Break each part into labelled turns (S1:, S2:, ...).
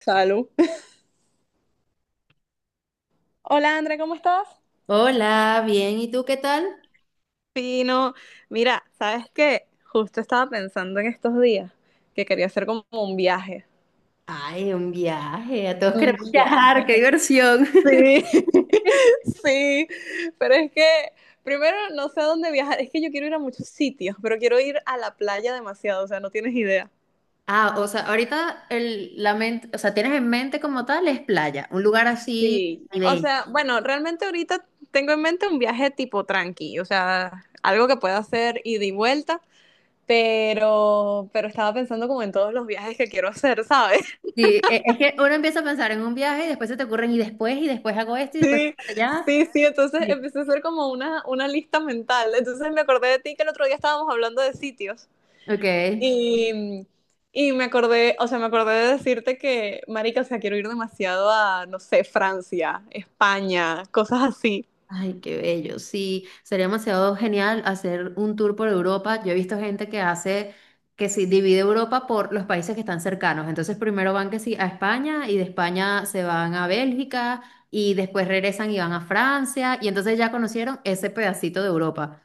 S1: Salud. Hola, Andrea, ¿cómo estás?
S2: Hola, bien, ¿y tú qué tal?
S1: Pino, mira, ¿sabes qué? Justo estaba pensando en estos días que quería hacer como un viaje.
S2: Ay, un viaje, a todos
S1: Un
S2: queremos viajar,
S1: viaje.
S2: qué diversión.
S1: Sí, sí, pero es que primero no sé a dónde viajar, es que yo quiero ir a muchos sitios, pero quiero ir a la playa demasiado, o sea, no tienes idea.
S2: Ah, o sea, ahorita la mente, o sea, tienes en mente como tal es playa, un lugar así
S1: Sí. O
S2: caribeño.
S1: sea, bueno, realmente ahorita tengo en mente un viaje tipo tranqui, o sea, algo que pueda hacer ida y vuelta, pero estaba pensando como en todos los viajes que quiero hacer, ¿sabes?
S2: Sí, es que uno empieza a pensar en un viaje y después se te ocurren y después hago esto y después
S1: Sí,
S2: para allá.
S1: sí, entonces
S2: Sí.
S1: empecé a hacer como una lista mental. Entonces me acordé de ti que el otro día estábamos hablando de sitios
S2: Ok.
S1: y, y me acordé, o sea, me acordé de decirte que, marica, o sea, quiero ir demasiado a, no sé, Francia, España, cosas así.
S2: Ay, qué bello. Sí, sería demasiado genial hacer un tour por Europa. Yo he visto gente que hace, que sí, divide Europa por los países que están cercanos. Entonces primero van que sí a España y de España se van a Bélgica y después regresan y van a Francia y entonces ya conocieron ese pedacito de Europa.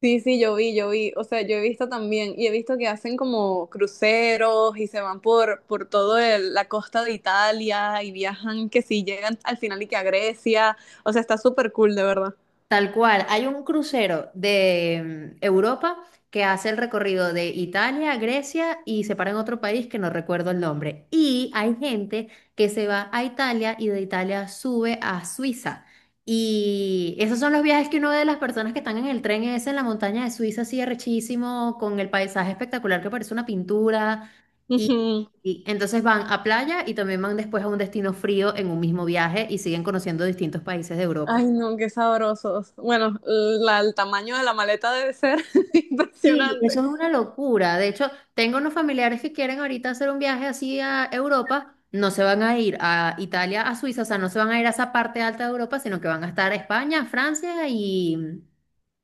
S1: Sí, sí, yo vi, o sea, yo he visto también y he visto que hacen como cruceros y se van por toda la costa de Italia y viajan, que sí, llegan al final y que a Grecia, o sea, está súper cool, de verdad.
S2: Tal cual, hay un crucero de Europa que hace el recorrido de Italia, Grecia y se para en otro país que no recuerdo el nombre. Y hay gente que se va a Italia y de Italia sube a Suiza. Y esos son los viajes que uno ve de las personas que están en el tren ese en la montaña de Suiza, así arrechísimo, con el paisaje espectacular que parece una pintura. Y,
S1: Ujú.
S2: y entonces van a playa y también van después a un destino frío en un mismo viaje y siguen conociendo distintos países de Europa.
S1: Ay, no, qué sabrosos. Bueno, el tamaño de la maleta debe ser
S2: Y eso
S1: impresionante.
S2: es una locura. De hecho, tengo unos familiares que quieren ahorita hacer un viaje así a Europa. No se van a ir a Italia, a Suiza, o sea, no se van a ir a esa parte alta de Europa, sino que van a estar a España, Francia y,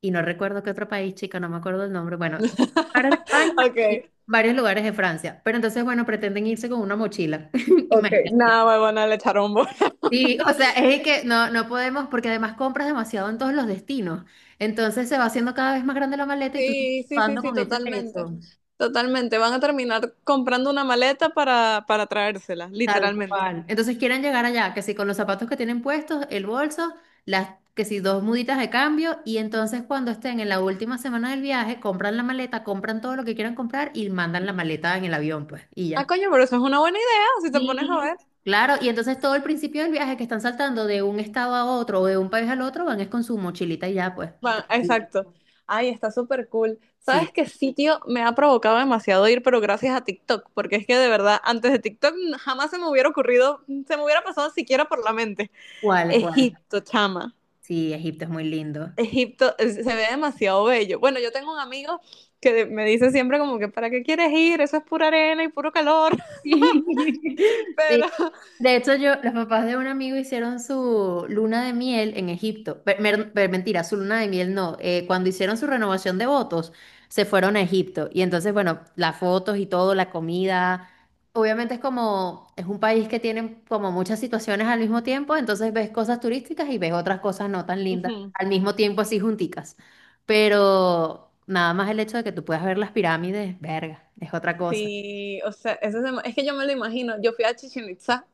S2: y no recuerdo qué otro país, chica, no me acuerdo el nombre. Bueno, para España
S1: Ok,
S2: y varios lugares de Francia. Pero entonces, bueno, pretenden irse con una mochila.
S1: ok,
S2: Imagínate.
S1: nada, huevona, le echaron bola.
S2: Sí, o sea, es que no podemos, porque además compras demasiado en todos los destinos. Entonces se va haciendo cada vez más grande la maleta y tú estás
S1: Sí, sí, sí,
S2: dando
S1: sí,
S2: con ese
S1: totalmente.
S2: peso.
S1: Totalmente. Van a terminar comprando una maleta para traérsela,
S2: Tal
S1: literalmente.
S2: cual. Entonces quieren llegar allá, que si con los zapatos que tienen puestos, el bolso, las, que si dos muditas de cambio, y entonces cuando estén en la última semana del viaje, compran la maleta, compran todo lo que quieran comprar y mandan la maleta en el avión, pues, y
S1: Ah,
S2: ya.
S1: coño, pero eso es una buena idea, si te pones a
S2: Y
S1: ver.
S2: claro, y entonces todo el principio del viaje que están saltando de un estado a otro o de un país al otro, van es con su mochilita y ya, pues, tranquilo.
S1: Exacto. Ay, está súper cool. ¿Sabes
S2: Sí,
S1: qué sitio me ha provocado demasiado ir, pero gracias a TikTok? Porque es que de verdad, antes de TikTok jamás se me hubiera ocurrido, se me hubiera pasado siquiera por la mente.
S2: cuál, cuál.
S1: Egipto, chama.
S2: Sí, Egipto es muy lindo.
S1: Egipto se ve demasiado bello. Bueno, yo tengo un amigo que me dice siempre como que, ¿para qué quieres ir? Eso es pura arena y puro calor.
S2: Sí,
S1: Pero,
S2: de hecho, yo, los papás de un amigo hicieron su luna de miel en Egipto. Mentira, su luna de miel no. Cuando hicieron su renovación de votos, se fueron a Egipto. Y entonces, bueno, las fotos y todo, la comida. Obviamente es como, es un país que tiene como muchas situaciones al mismo tiempo, entonces ves cosas turísticas y ves otras cosas no tan lindas
S1: ujú,
S2: al mismo tiempo así junticas. Pero nada más el hecho de que tú puedas ver las pirámides, verga, es otra cosa.
S1: sí, o sea, es que yo me lo imagino. Yo fui a Chichén Itzá,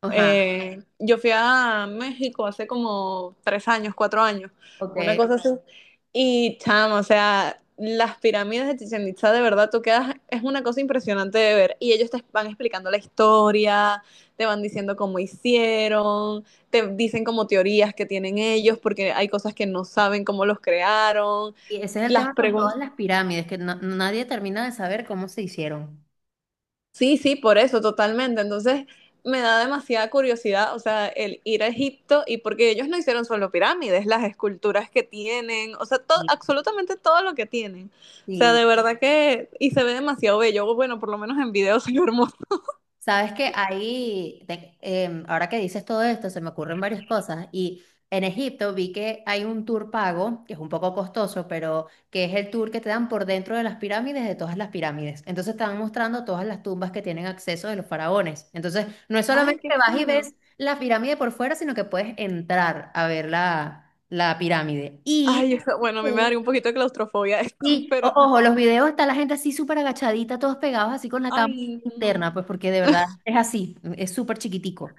S2: Ajá,
S1: yo fui a México hace como tres años, cuatro años, una
S2: ok.
S1: cosa así. Y chamo, o sea, las pirámides de Chichén Itzá, de verdad, tú quedas, es una cosa impresionante de ver. Y ellos te van explicando la historia, te van diciendo cómo hicieron, te dicen como teorías que tienen ellos, porque hay cosas que no saben cómo los crearon.
S2: Y ese es el
S1: Las
S2: tema con todas
S1: preguntas
S2: las pirámides, que nadie termina de saber cómo se hicieron.
S1: sí, sí, por eso, totalmente. Entonces, me da demasiada curiosidad, o sea, el ir a Egipto y porque ellos no hicieron solo pirámides, las esculturas que tienen, o sea,
S2: Y
S1: absolutamente todo lo que tienen. O sea,
S2: y
S1: de verdad que, y se ve demasiado bello, bueno, por lo menos en video se ve hermoso.
S2: sabes que ahí, ahora que dices todo esto, se me ocurren varias cosas. Y en Egipto vi que hay un tour pago, que es un poco costoso, pero que es el tour que te dan por dentro de las pirámides, de todas las pirámides. Entonces te van mostrando todas las tumbas que tienen acceso de los faraones. Entonces no es
S1: Ay,
S2: solamente
S1: qué
S2: que vas y
S1: fino.
S2: ves la pirámide por fuera, sino que puedes entrar a ver la pirámide. Y...
S1: Ay, o sea, bueno, a mí me
S2: Sí.
S1: daría un poquito de claustrofobia esto,
S2: Y
S1: pero ajá.
S2: ojo, los videos está la gente así súper agachadita, todos pegados así con la cámara
S1: Ay, no.
S2: interna, pues porque de verdad es así, es súper chiquitico.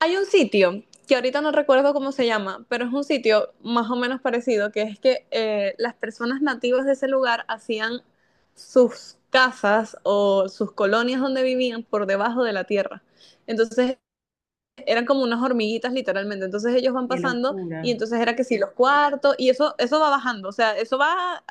S1: Hay un sitio que ahorita no recuerdo cómo se llama, pero es un sitio más o menos parecido, que es que las personas nativas de ese lugar hacían sus casas o sus colonias donde vivían por debajo de la tierra. Entonces eran como unas hormiguitas literalmente. Entonces ellos van
S2: Qué
S1: pasando y
S2: locura.
S1: entonces era que si los cuartos y eso va bajando, o sea, eso va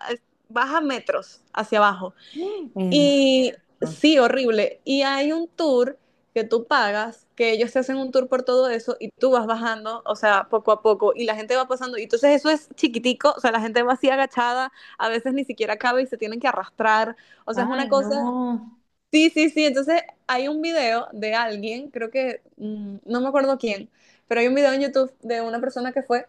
S1: baja metros hacia abajo.
S2: Mm.
S1: Y sí, horrible. Y hay un tour que tú pagas, que ellos te hacen un tour por todo eso y tú vas bajando, o sea, poco a poco, y la gente va pasando. Y entonces eso es chiquitico, o sea, la gente va así agachada, a veces ni siquiera cabe y se tienen que arrastrar. O sea, es una
S2: Ay,
S1: cosa...
S2: no.
S1: Sí, sí, sí. Entonces hay un video de alguien, creo que, no me acuerdo quién, pero hay un video en YouTube de una persona que fue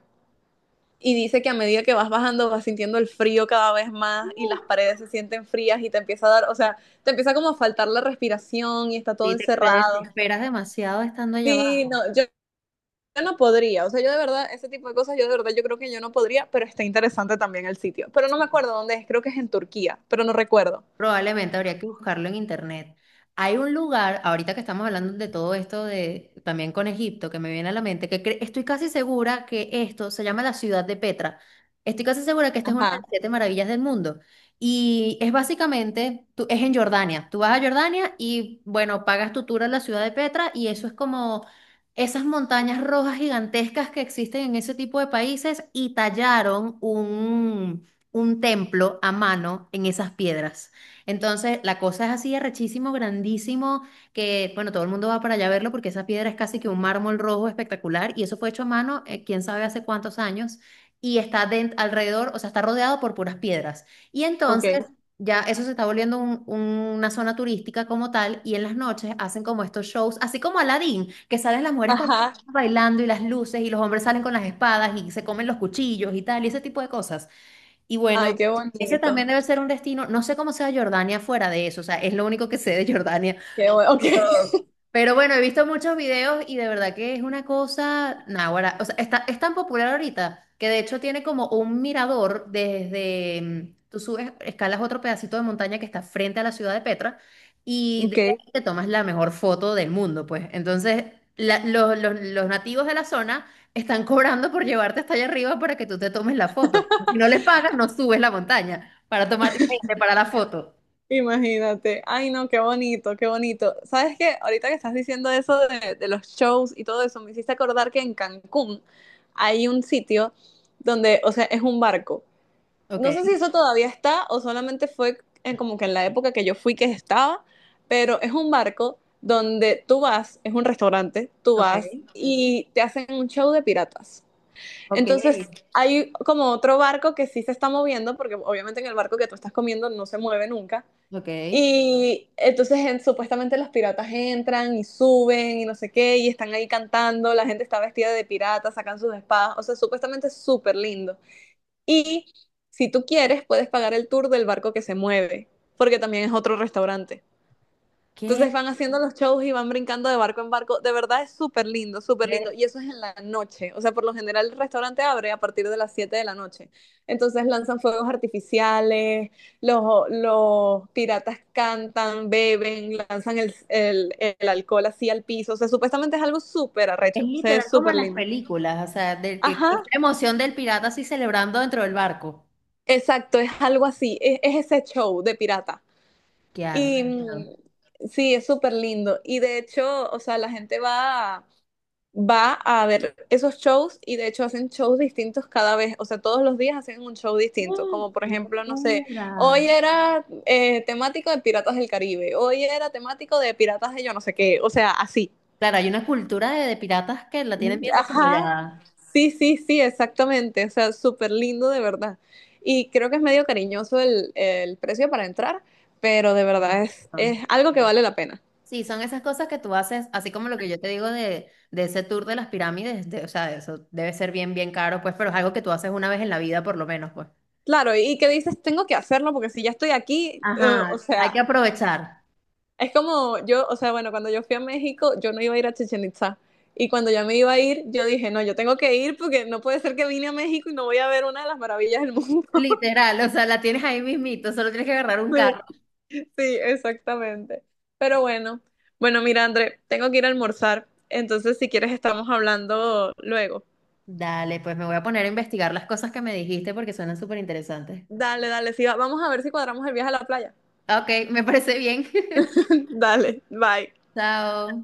S1: y dice que a medida que vas bajando vas sintiendo el frío cada vez más y
S2: Uf,
S1: las paredes se sienten frías y te empieza a dar, o sea, te empieza como a faltar la respiración y está todo
S2: sí, te
S1: encerrado.
S2: desesperas demasiado estando allá
S1: Sí,
S2: abajo.
S1: no, yo no podría, o sea, yo de verdad, ese tipo de cosas, yo de verdad, yo creo que yo no podría, pero está interesante también el sitio. Pero no me acuerdo dónde es, creo que es en Turquía, pero no recuerdo.
S2: Probablemente habría que buscarlo en internet. Hay un lugar, ahorita que estamos hablando de todo esto de también con Egipto, que me viene a la mente, que estoy casi segura que esto se llama la ciudad de Petra. Estoy casi segura que esta es una de las
S1: Ajá,
S2: siete maravillas del mundo. Y es básicamente, es en Jordania. Tú vas a Jordania y, bueno, pagas tu tour a la ciudad de Petra y eso es como esas montañas rojas gigantescas que existen en ese tipo de países y tallaron un templo a mano en esas piedras. Entonces, la cosa es así, arrechísimo, grandísimo, que, bueno, todo el mundo va para allá a verlo porque esa piedra es casi que un mármol rojo espectacular y eso fue hecho a mano, quién sabe hace cuántos años, y está alrededor, o sea, está rodeado por puras piedras. Y entonces,
S1: ok.
S2: ya eso se está volviendo una zona turística como tal y en las noches hacen como estos shows, así como Aladdin, que salen las mujeres con
S1: Ajá,
S2: bailando y las luces y los hombres salen con las espadas y se comen los cuchillos y tal, y ese tipo de cosas. Y
S1: ay,
S2: bueno,
S1: qué
S2: ese también
S1: bonito.
S2: debe ser un destino, no sé cómo sea Jordania fuera de eso, o sea, es lo único que sé de Jordania,
S1: Qué bueno, ok.
S2: de todo. Pero bueno, he visto muchos videos y de verdad que es una cosa, náguara, o sea, está, es tan popular ahorita que de hecho tiene como un mirador desde, tú subes, escalas otro pedacito de montaña que está frente a la ciudad de Petra y
S1: Ok.
S2: desde ahí te tomas la mejor foto del mundo, pues. Entonces, los nativos de la zona están cobrando por llevarte hasta allá arriba para que tú te tomes la foto. Si no les pagas, no subes la montaña para tomarte para la foto.
S1: Imagínate. Ay, no, qué bonito, qué bonito. ¿Sabes qué? Ahorita que estás diciendo eso de los shows y todo eso, me hiciste acordar que en Cancún hay un sitio donde, o sea, es un barco.
S2: Ok,
S1: No sé si eso todavía está o solamente fue en, como que en la época que yo fui que estaba, pero es un barco donde tú vas, es un restaurante, tú
S2: ok,
S1: vas y te hacen un show de piratas.
S2: ok,
S1: Entonces, hay como otro barco que sí se está moviendo, porque obviamente en el barco que tú estás comiendo no se mueve nunca
S2: ok.
S1: y entonces supuestamente los piratas entran y suben y no sé qué, y están ahí cantando, la gente está vestida de pirata, sacan sus espadas, o sea, supuestamente es súper lindo. Y si tú quieres, puedes pagar el tour del barco que se mueve, porque también es otro restaurante.
S2: ¿Qué?
S1: Entonces van haciendo los shows y van brincando de barco en barco. De verdad es súper lindo, súper lindo. Y eso es en la noche. O sea, por lo general el restaurante abre a partir de las 7 de la noche. Entonces lanzan fuegos artificiales, los piratas cantan, beben, lanzan el, el alcohol así al piso. O sea, supuestamente es algo súper
S2: Es
S1: arrecho. O sea,
S2: literal
S1: es
S2: como
S1: súper
S2: en las
S1: lindo.
S2: películas, o sea, de que,
S1: Ajá,
S2: esta emoción del pirata así celebrando dentro del barco.
S1: exacto, es algo así. Es ese show de pirata.
S2: ¡Qué
S1: Y
S2: arrecho!
S1: sí, es súper lindo. Y de hecho, o sea, la gente va a ver esos shows y de hecho hacen shows distintos cada vez, o sea, todos los días hacen un show distinto,
S2: ¡Uh,
S1: como por
S2: qué
S1: ejemplo, no sé,
S2: locura!
S1: hoy era temático de Piratas del Caribe, hoy era temático de Piratas de yo no sé qué, o sea, así.
S2: Claro, hay una cultura de piratas que la tienen bien
S1: Ajá,
S2: desarrollada.
S1: sí, sí, sí, exactamente, o sea, súper lindo de verdad. Y creo que es medio cariñoso el precio para entrar, pero de
S2: Tienes
S1: verdad
S2: razón.
S1: es algo que vale la pena.
S2: Sí, son esas cosas que tú haces, así como lo que yo te digo de ese tour de las pirámides, de- o sea, eso debe ser bien, bien caro, pues, pero es algo que tú haces una vez en la vida, por lo menos, pues.
S1: Claro, y que dices, tengo que hacerlo porque si ya estoy aquí, o
S2: Ajá, hay que
S1: sea...
S2: aprovechar.
S1: Es como yo, o sea, bueno, cuando yo fui a México, yo no iba a ir a Chichen Itza. Y cuando ya me iba a ir, yo dije, no, yo tengo que ir porque no puede ser que vine a México y no voy a ver una de las maravillas del mundo.
S2: Literal, o sea, la tienes ahí mismito, solo tienes que agarrar un carro.
S1: Sí, sí, exactamente. Pero bueno, bueno, mira, André, tengo que ir a almorzar. Entonces, si quieres, estamos hablando luego.
S2: Dale, pues me voy a poner a investigar las cosas que me dijiste porque suenan súper interesantes.
S1: Dale, dale, sí, vamos a ver si cuadramos el viaje a la playa.
S2: Ok, me parece bien.
S1: Dale, bye.
S2: Chao.